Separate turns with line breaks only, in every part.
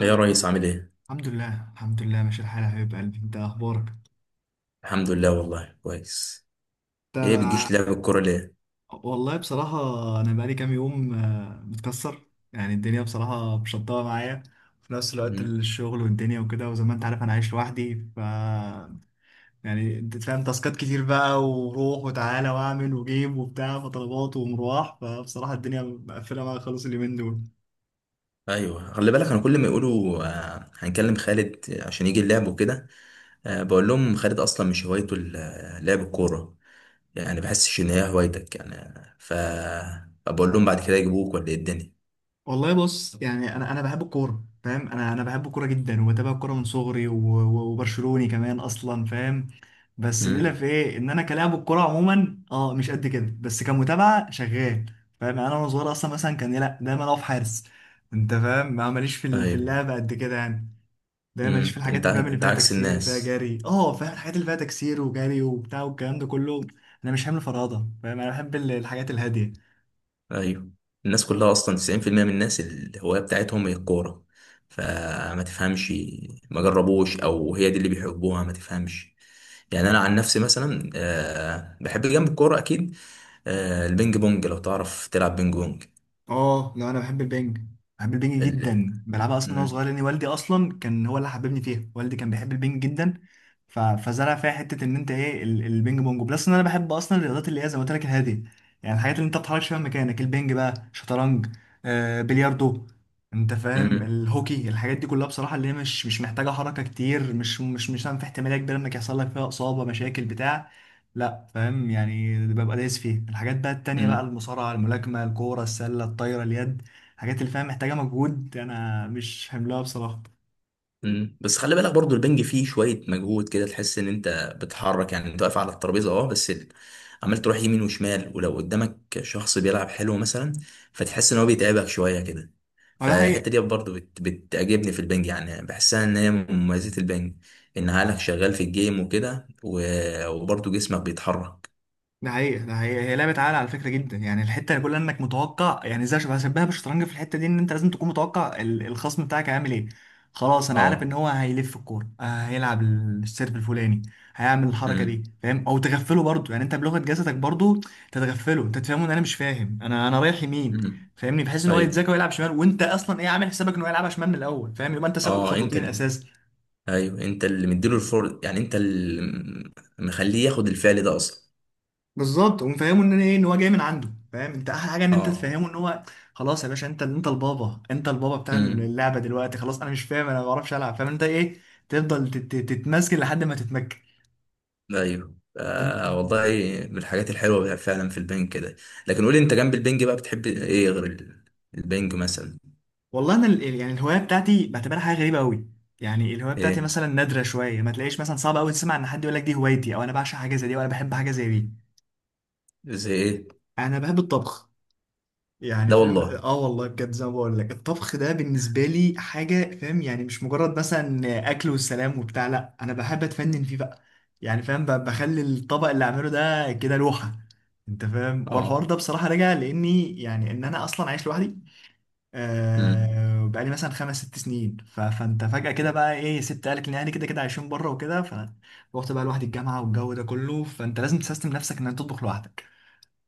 ايه يا ريس عامل ايه؟
الحمد لله الحمد لله ماشي الحال يا حبيب قلبي، انت اخبارك؟
الحمد لله والله كويس.
انت؟
ايه بتجيش لعب الكورة ليه؟
والله بصراحة، انا بقالي كام يوم متكسر. يعني الدنيا بصراحة مشطبة معايا في نفس الوقت،
مم.
الشغل والدنيا وكده، وزي ما انت عارف انا عايش لوحدي. يعني انت فاهم، تاسكات كتير بقى، وروح وتعالى واعمل وجيب وبتاع، فطلبات ومروح، فبصراحة الدنيا مقفلة معايا خالص اليومين دول.
ايوه خلي بالك انا كل ما يقولوا هنكلم خالد عشان يجي اللعب وكده. بقول لهم خالد اصلا مش هوايته لعب الكورة، يعني بحسش ان هي هوايتك يعني. ف بقول لهم بعد كده يجيبوك ولا ايه الدنيا؟
والله بص، يعني انا بحب الكوره. فاهم، انا بحب الكوره جدا، وبتابع الكوره من صغري، و- و- وبرشلوني كمان اصلا، فاهم. بس الليله
مم.
في ايه، ان انا كلاعب الكوره عموما مش قد كده، بس كمتابعه شغال. فاهم، يعني انا وانا صغير اصلا مثلا كان، لا دايما اقف حارس. انت فاهم، ما ماليش في
ايوه.
اللعب قد كده يعني. دايما ماليش في
مم.
الحاجات اللي فاهم اللي
انت
فيها
عكس
تكسير فيها
الناس.
جري، فاهم، الحاجات اللي فيها تكسير وجري وبتاع والكلام ده كله. انا مش حامل فرهضه، فاهم، انا بحب الحاجات الهاديه.
ايوه، الناس كلها اصلا 90% من الناس الهوايه بتاعتهم هي الكوره، فما تفهمش ما جربوش او هي دي اللي بيحبوها ما تفهمش. يعني انا عن نفسي مثلا بحب جنب الكوره اكيد، البينج بونج لو تعرف تلعب بينج بونج.
اه، لا انا بحب البنج. بحب البنج
ال-
جدا بلعبها، اصلا وانا
مم،
صغير لان والدي اصلا كان هو اللي حببني فيها، والدي كان بيحب البنج جدا. ف... فزرع فيها حته، ان انت ايه، البنج بونج بلس، ان انا بحب اصلا الرياضات اللي هي زي ما قلت لك الهاديه. يعني الحاجات اللي انت ما بتتحركش فيها من مكانك، البنج بقى، شطرنج، بلياردو، انت فاهم
مم،
الهوكي، الحاجات دي كلها بصراحه، اللي هي مش محتاجه حركه كتير، مش في احتماليه كبيره انك يحصل لك فيها اصابه مشاكل بتاع. لا فاهم، يعني ببقى دايس فيه. الحاجات بقى التانية بقى،
مم.
المصارعة، الملاكمة، الكورة السلة، الطايرة، اليد، الحاجات اللي فاهم محتاجة مجهود، أنا مش حملها بصراحة.
مم. بس خلي بالك برضو البنج فيه شوية مجهود كده، تحس ان انت بتحرك، يعني انت واقف على الترابيزة اه بس عمال تروح يمين وشمال، ولو قدامك شخص بيلعب حلو مثلا فتحس ان هو بيتعبك شوية كده.
هو ده
فالحتة
حقيقي.
دي برضو بت... بتعجبني في البنج، يعني بحسها ان هي من مميزات البنج، ان عقلك شغال في الجيم وبرضو جسمك بيتحرك.
ده حقيقة ده حقيقة، هي لعبة عقل على فكرة جدا، يعني الحتة اللي كلها انك متوقع، يعني زي، بشبهها بالشطرنج في الحتة دي، ان انت لازم تكون متوقع الخصم بتاعك هيعمل ايه. خلاص انا عارف ان
اه.
هو هيلف الكورة، هيلعب السيرف الفلاني، هيعمل الحركة دي،
مم.
فاهم، او تغفله برضو، يعني انت بلغة جسدك برضو تتغفله، انت تفهمه ان انا مش فاهم، انا رايح يمين،
مم.
فاهمني، بحيث ان هو
ايوه.
يتذاكى ويلعب شمال، وانت اصلا ايه، عامل حسابك ان هو يلعبها شمال من الاول، فاهم، يبقى انت سابقه
اه
بخطوتين اساسا.
ايوه انت اللي مديله الفرصة، يعني انت اللي مخليه ياخد الفعل ده اصلا.
بالظبط، ومفهمه ان انا ايه، ان هو جاي من عنده، فاهم، انت احلى حاجه ان انت
اه.
تفهمه ان هو خلاص يا باشا، انت البابا، انت البابا بتاع
امم.
اللعبه دلوقتي، خلاص انا مش فاهم، انا ما بعرفش العب، فاهم انت ايه، تفضل تتمسك لحد ما تتمكن.
ايوه. آه والله،
ال-
من الحاجات الحلوه بقى فعلا في البنج كده. لكن قولي انت جنب البنج بقى بتحب ايه غير البنج مثلا؟
والله انا يعني الهوايه بتاعتي بعتبرها حاجه غريبه قوي. يعني الهوايه بتاعتي
ايه،
مثلا نادره شويه، ما تلاقيش مثلا، صعب قوي تسمع ان حد يقول لك دي هوايتي، او انا بعشق حاجه زي دي، او انا بحب حاجه زي دي.
زي ايه؟
انا بحب الطبخ. يعني
لا
فاهم،
والله.
اه والله بجد، زي ما بقول لك، الطبخ ده بالنسبه لي حاجه، فاهم، يعني مش مجرد مثلا اكل والسلام وبتاع، لا انا بحب اتفنن فيه بقى، يعني فاهم، بخلي الطبق اللي اعمله ده كده لوحه. انت فاهم، هو الحوار
اه.
ده بصراحه راجع لاني يعني، ان انا اصلا عايش لوحدي.
امم.
بقالي مثلا 5 6 سنين، فانت فجاه كده بقى ايه، سبت اهلك، ان اهلي كده كده عايشين بره وكده، فروحت بقى لوحدي الجامعه والجو ده كله، فانت لازم تسيستم نفسك ان انت تطبخ لوحدك.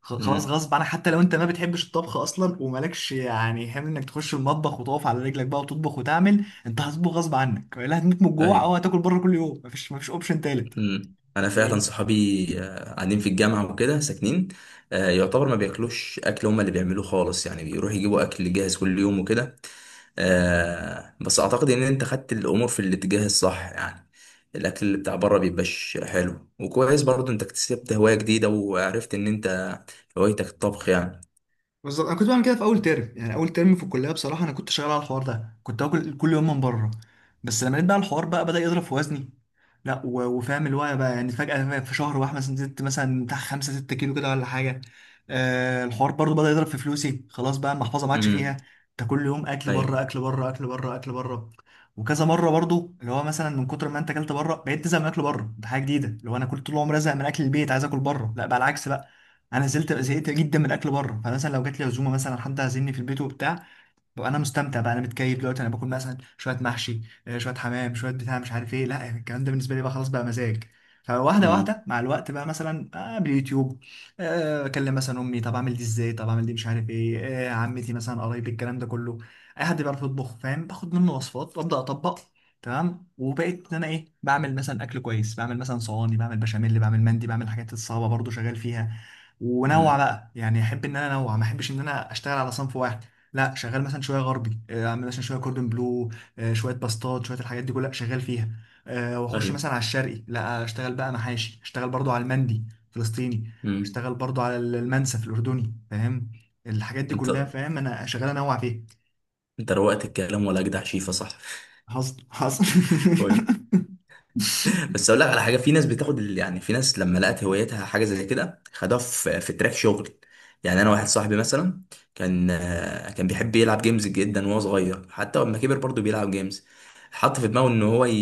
خلاص
امم.
غصب عنك، حتى لو انت ما بتحبش الطبخ اصلا، ومالكش يعني هم انك تخش المطبخ وتقف على رجلك بقى، وتطبخ وتعمل، انت هتطبخ غصب عنك، لا هتموت من الجوع،
ايوه.
او هتاكل بره كل يوم، مفيش اوبشن تالت.
انا فعلا صحابي قاعدين في الجامعه وكده ساكنين، آه يعتبر ما بياكلوش اكل هما اللي بيعملوه خالص، يعني بيروحوا يجيبوا اكل جاهز كل يوم وكده. آه بس اعتقد ان انت خدت الامور في الاتجاه الصح، يعني الاكل اللي بتاع بره بيبقاش حلو وكويس، برضو انت اكتسبت هواية جديدة وعرفت ان انت هوايتك الطبخ يعني.
بالظبط. انا كنت بعمل كده في اول ترم، يعني اول ترم في الكليه بصراحه، انا كنت شغال على الحوار ده، كنت اكل كل يوم من بره. بس لما لقيت بقى الحوار بقى بدا يضرب في وزني، لا وفاهم اللي هو بقى، يعني فجاه في شهر واحد مثلا زدت مثلا بتاع 5 6 كيلو كده ولا حاجه. الحوار برضو بدا يضرب في فلوسي، خلاص بقى المحفظه ما عادش فيها.
امم.
انت كل يوم اكل
ايوه.
بره اكل بره اكل بره اكل بره، وكذا مره برضو، اللي هو مثلا من كتر ما انت اكلت بره بقيت تزهق من اكل بره، ده حاجه جديده، اللي هو انا كنت طول عمري ازهق من اكل البيت عايز اكل بره، لا بقى العكس. انا زلت زهقت جدا من الاكل بره، فمثلا لو جات لي عزومه مثلا حد عازمني في البيت وبتاع، وانا مستمتع بقى، انا متكيف دلوقتي، انا باكل مثلا شويه محشي، شويه حمام، شويه بتاع مش عارف ايه، لا يعني الكلام ده بالنسبه لي بقى خلاص بقى مزاج. فواحده
امم.
واحده مع الوقت بقى، مثلا باليوتيوب، اكلم مثلا امي، طب اعمل دي ازاي، طب اعمل دي مش عارف ايه، عمتي مثلا، قرايبي، الكلام ده كله، اي حد بيعرف يطبخ، فاهم، باخد منه وصفات وابدا اطبق. تمام، وبقيت ان انا ايه، بعمل مثلا اكل كويس، بعمل مثلا صواني، بعمل بشاميل، بعمل مندي، بعمل الحاجات الصعبه برضو شغال فيها. ونوع
امم.
بقى، يعني احب ان انا انوع، ما احبش ان انا اشتغل على صنف واحد. لا شغال مثلا شويه غربي، اعمل مثلا شويه كوردون بلو، شويه باستات، شويه الحاجات دي كلها شغال فيها، واخش
ايوه.
مثلا على الشرقي، لا اشتغل بقى محاشي، اشتغل برضو على المندي فلسطيني،
امم.
اشتغل برضو على المنسف الاردني، فاهم، الحاجات دي
انت
كلها، فاهم انا شغال انوع فيها.
انت روقت الكلام، ولا اجدع شيفة صح؟
حصل حصل.
بس اقول لك على حاجه، في ناس بتاخد يعني في ناس لما لقت هوايتها حاجه زي كده خدوها في تراك شغل. يعني انا واحد صاحبي مثلا كان، كان بيحب يلعب جيمز جدا وهو صغير، حتى لما كبر برضه بيلعب جيمز. حط في دماغه ان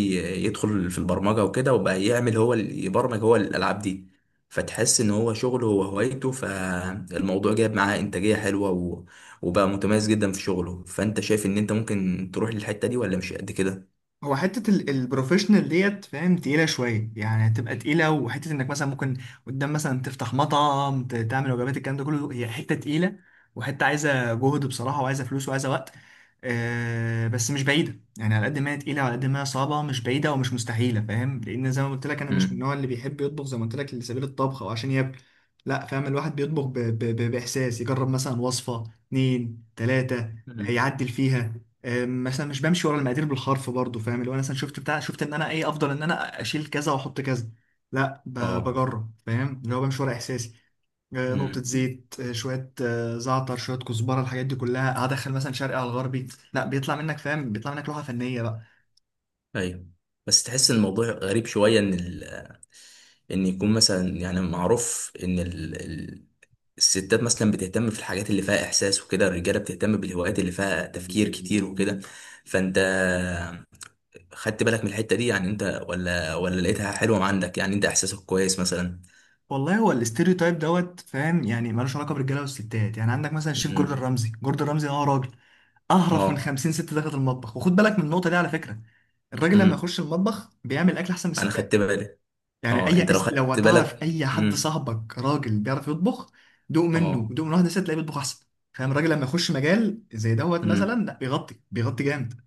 يدخل في البرمجه وكده، وبقى يعمل يبرمج هو الالعاب دي. فتحس ان هو شغله هو هوايته، فالموضوع جايب معاه انتاجيه حلوه وبقى متميز جدا في شغله. فانت شايف ان انت ممكن تروح للحته دي، ولا مش قد كده؟
هو حتة البروفيشنال ديت فاهم، تقيلة شوية، يعني هتبقى تقيلة، وحتة انك مثلا ممكن قدام مثلا تفتح مطعم، تعمل وجبات، الكلام ده كله، هي حتة تقيلة، وحتة عايزة جهد بصراحة، وعايزة فلوس وعايزة وقت. بس مش بعيدة، يعني على قد ما هي تقيلة وعلى قد ما هي صعبة، مش بعيدة ومش مستحيلة، فاهم، لأن زي ما قلت لك، أنا مش من
امم.
النوع اللي بيحب يطبخ زي ما قلت لك لسبيل الطبخ أو عشان ياكل. لا فاهم، الواحد بيطبخ بإحساس، يجرب مثلا وصفة اتنين تلاتة، يعدل فيها. مثلا مش بمشي ورا المقادير بالحرف برضه، فاهم اللي هو أنا مثلا شفت بتاع، شفت ان انا ايه، افضل ان انا اشيل كذا واحط كذا، لا
اه.
بجرب، فاهم اللي هو بمشي ورا احساسي. نقطة
مم.
زيت، شوية زعتر، شوية كزبرة، الحاجات دي كلها هدخل مثلا شرقي على الغربي. لا بيطلع منك، فاهم، بيطلع منك لوحة فنية بقى.
ايوه. بس تحس ان الموضوع غريب شويه، ان يكون مثلا يعني معروف ان الستات مثلا بتهتم في الحاجات اللي فيها احساس وكده، الرجاله بتهتم بالهوايات اللي فيها تفكير كتير وكده. فانت خدت بالك من الحته دي يعني انت، ولا لقيتها حلوه عندك؟ يعني انت احساسك كويس مثلا؟
والله هو الاستيريوتايب دوت، فاهم، يعني ملوش علاقة بالرجالة والستات، يعني عندك مثلا الشيف جوردن
امم.
رمزي. جوردن رمزي راجل اهرف من
اه.
50 ست دخلت المطبخ، وخد بالك من النقطة دي على فكرة، الراجل لما
امم.
يخش المطبخ بيعمل اكل احسن من
انا خدت
الستات.
بالي.
يعني
اه انت لو
لو
خدت
تعرف
بالك.
اي حد
امم.
صاحبك راجل بيعرف يطبخ، دوق منه،
اه.
دوق من واحده ست، تلاقيه بيطبخ احسن، فاهم، الراجل لما يخش مجال زي دوت مثلا، لا بيغطي بيغطي جامد.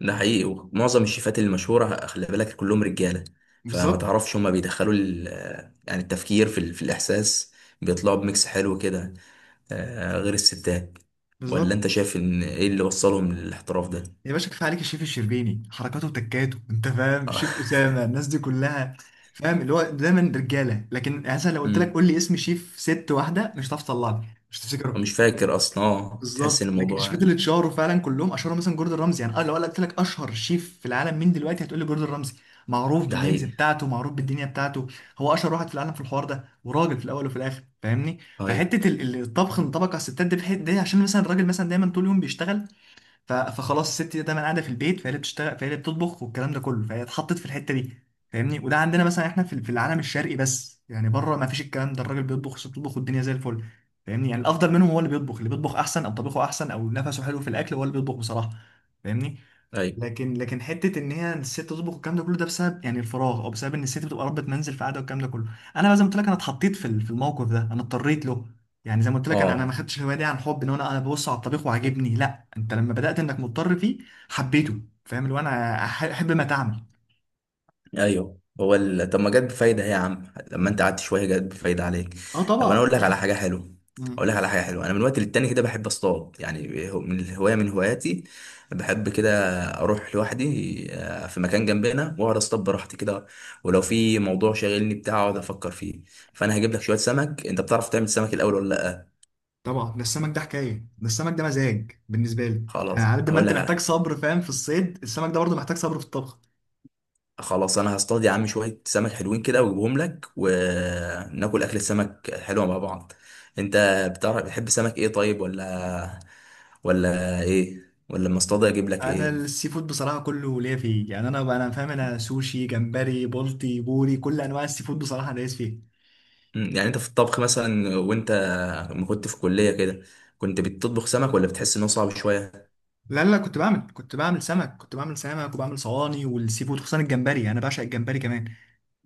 ده حقيقي، ومعظم الشيفات المشهورة خلي بالك كلهم رجالة. فما
بالظبط
تعرفش هما بيدخلوا يعني التفكير في، في الإحساس، بيطلعوا بميكس حلو كده غير الستات. ولا
بالظبط.
أنت شايف إن إيه اللي وصلهم للاحتراف ده؟
يا باشا كفايه عليك الشيف الشربيني، حركاته وتكاته، انت فاهم، الشيف
آه.
اسامه، الناس دي كلها، فاهم اللي هو دايما رجاله، لكن يعني مثلا لو قلت لك
أمم.
قول لي اسم شيف ست واحده، مش هتعرف تطلعني، مش
مش
تفتكره.
فاكر أصلا. آه تحس
بالظبط،
إن
لكن الشيفات
الموضوع
اللي اتشهروا فعلا كلهم اشهروا، مثلا جوردن رامزي، يعني انا لو قلت لك اشهر شيف في العالم مين دلوقتي، هتقول لي جوردن رامزي. معروف
ده
بالميمز
حقيقي.
بتاعته، معروف بالدنيا بتاعته، هو اشهر واحد في العالم في الحوار ده، وراجل في الاول وفي الاخر، فاهمني.
أيوه.
فحته الطبخ انطبق على الستات دي بحته دي، عشان مثلا الراجل مثلا دايما طول اليوم بيشتغل، فخلاص الست دي دايما قاعده في البيت، فهي اللي بتشتغل، فهي اللي بتطبخ، والكلام ده كله، فهي اتحطت في الحته دي، فاهمني. وده عندنا مثلا احنا في العالم الشرقي بس، يعني بره ما فيش الكلام ده، الراجل بيطبخ، الست بتطبخ، والدنيا زي الفل، فاهمني، يعني الافضل منهم هو اللي بيطبخ، اللي بيطبخ احسن، او طبيخه احسن، او نفسه حلو في الاكل، هو اللي بيطبخ بصراحه، فاهمني.
أيوه.
لكن حته ان هي الست تطبخ والكلام ده كله، ده بسبب يعني الفراغ، او بسبب ان الست بتبقى ربة منزل في قاعده والكلام ده كله. انا بقى زي ما قلت لك، انا اتحطيت في الموقف ده، انا اضطريت له. يعني زي ما قلت لك، انا ما
آه.
خدتش الهوايه دي عن حب، ان هو انا ببص على الطبيخ وعاجبني، لا انت لما بدات انك مضطر فيه حبيته، فاهم اللي هو انا احب ما تعمل.
ايوه. طب ما جت بفايده هي يا عم، لما انت قعدت شويه جت بفايده عليك.
اه
طب
طبعا
انا اقول لك على
طبعا.
حاجه حلوه. اقول
مم.
لك على حاجه حلوه، انا من وقت للتاني كده بحب اصطاد، يعني من الهوايه من هواياتي، بحب كده اروح لوحدي في مكان جنبنا واقعد اصطاد براحتي كده، ولو في موضوع شاغلني بتاع اقعد افكر فيه. فانا هجيب لك شويه سمك، انت بتعرف تعمل سمك الاول ولا لا؟
طبعا ده السمك ده حكايه، ده السمك ده مزاج بالنسبه لي، يعني
خلاص
عارف ده، ما
هقول
انت
لك
محتاج
على،
صبر، فاهم، في الصيد السمك ده برضه محتاج صبر في الطبخ.
خلاص انا هصطاد يا عم شويه سمك حلوين كده واجيبهم لك، وناكل اكل السمك حلوه مع بعض. انت بتعرف بتحب سمك ايه طيب؟ ولا لما اصطاد اجيب لك
انا
ايه؟
السي فود بصراحه كله ليا فيه، يعني انا فاهم، انا سوشي، جمبري، بولتي، بوري، كل انواع السي فود بصراحه انا دايس فيه.
مم، يعني انت في الطبخ مثلا، وانت ما كنت في كليه كده كنت بتطبخ سمك، ولا بتحس انه صعب شويه؟
لا لا، كنت بعمل سمك، كنت بعمل سمك وبعمل صواني، والسي فود خصوصا الجمبري، يعني انا بعشق الجمبري كمان.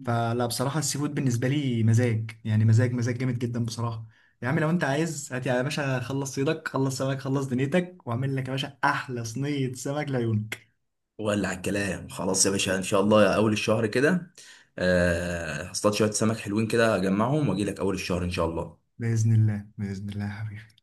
فلا بصراحه، السي فود بالنسبه لي مزاج، يعني مزاج مزاج جامد جدا بصراحه. يا عم لو انت عايز، هات يا باشا، خلص صيدك، خلص سمك، خلص دنيتك، واعمل لك يا باشا احلى صينيه سمك لعيونك.
ولا على الكلام خلاص يا باشا، ان شاء الله اول الشهر كده هصطاد شويه سمك حلوين كده اجمعهم واجي لك اول الشهر ان شاء الله.
باذن الله، باذن الله يا حبيبي.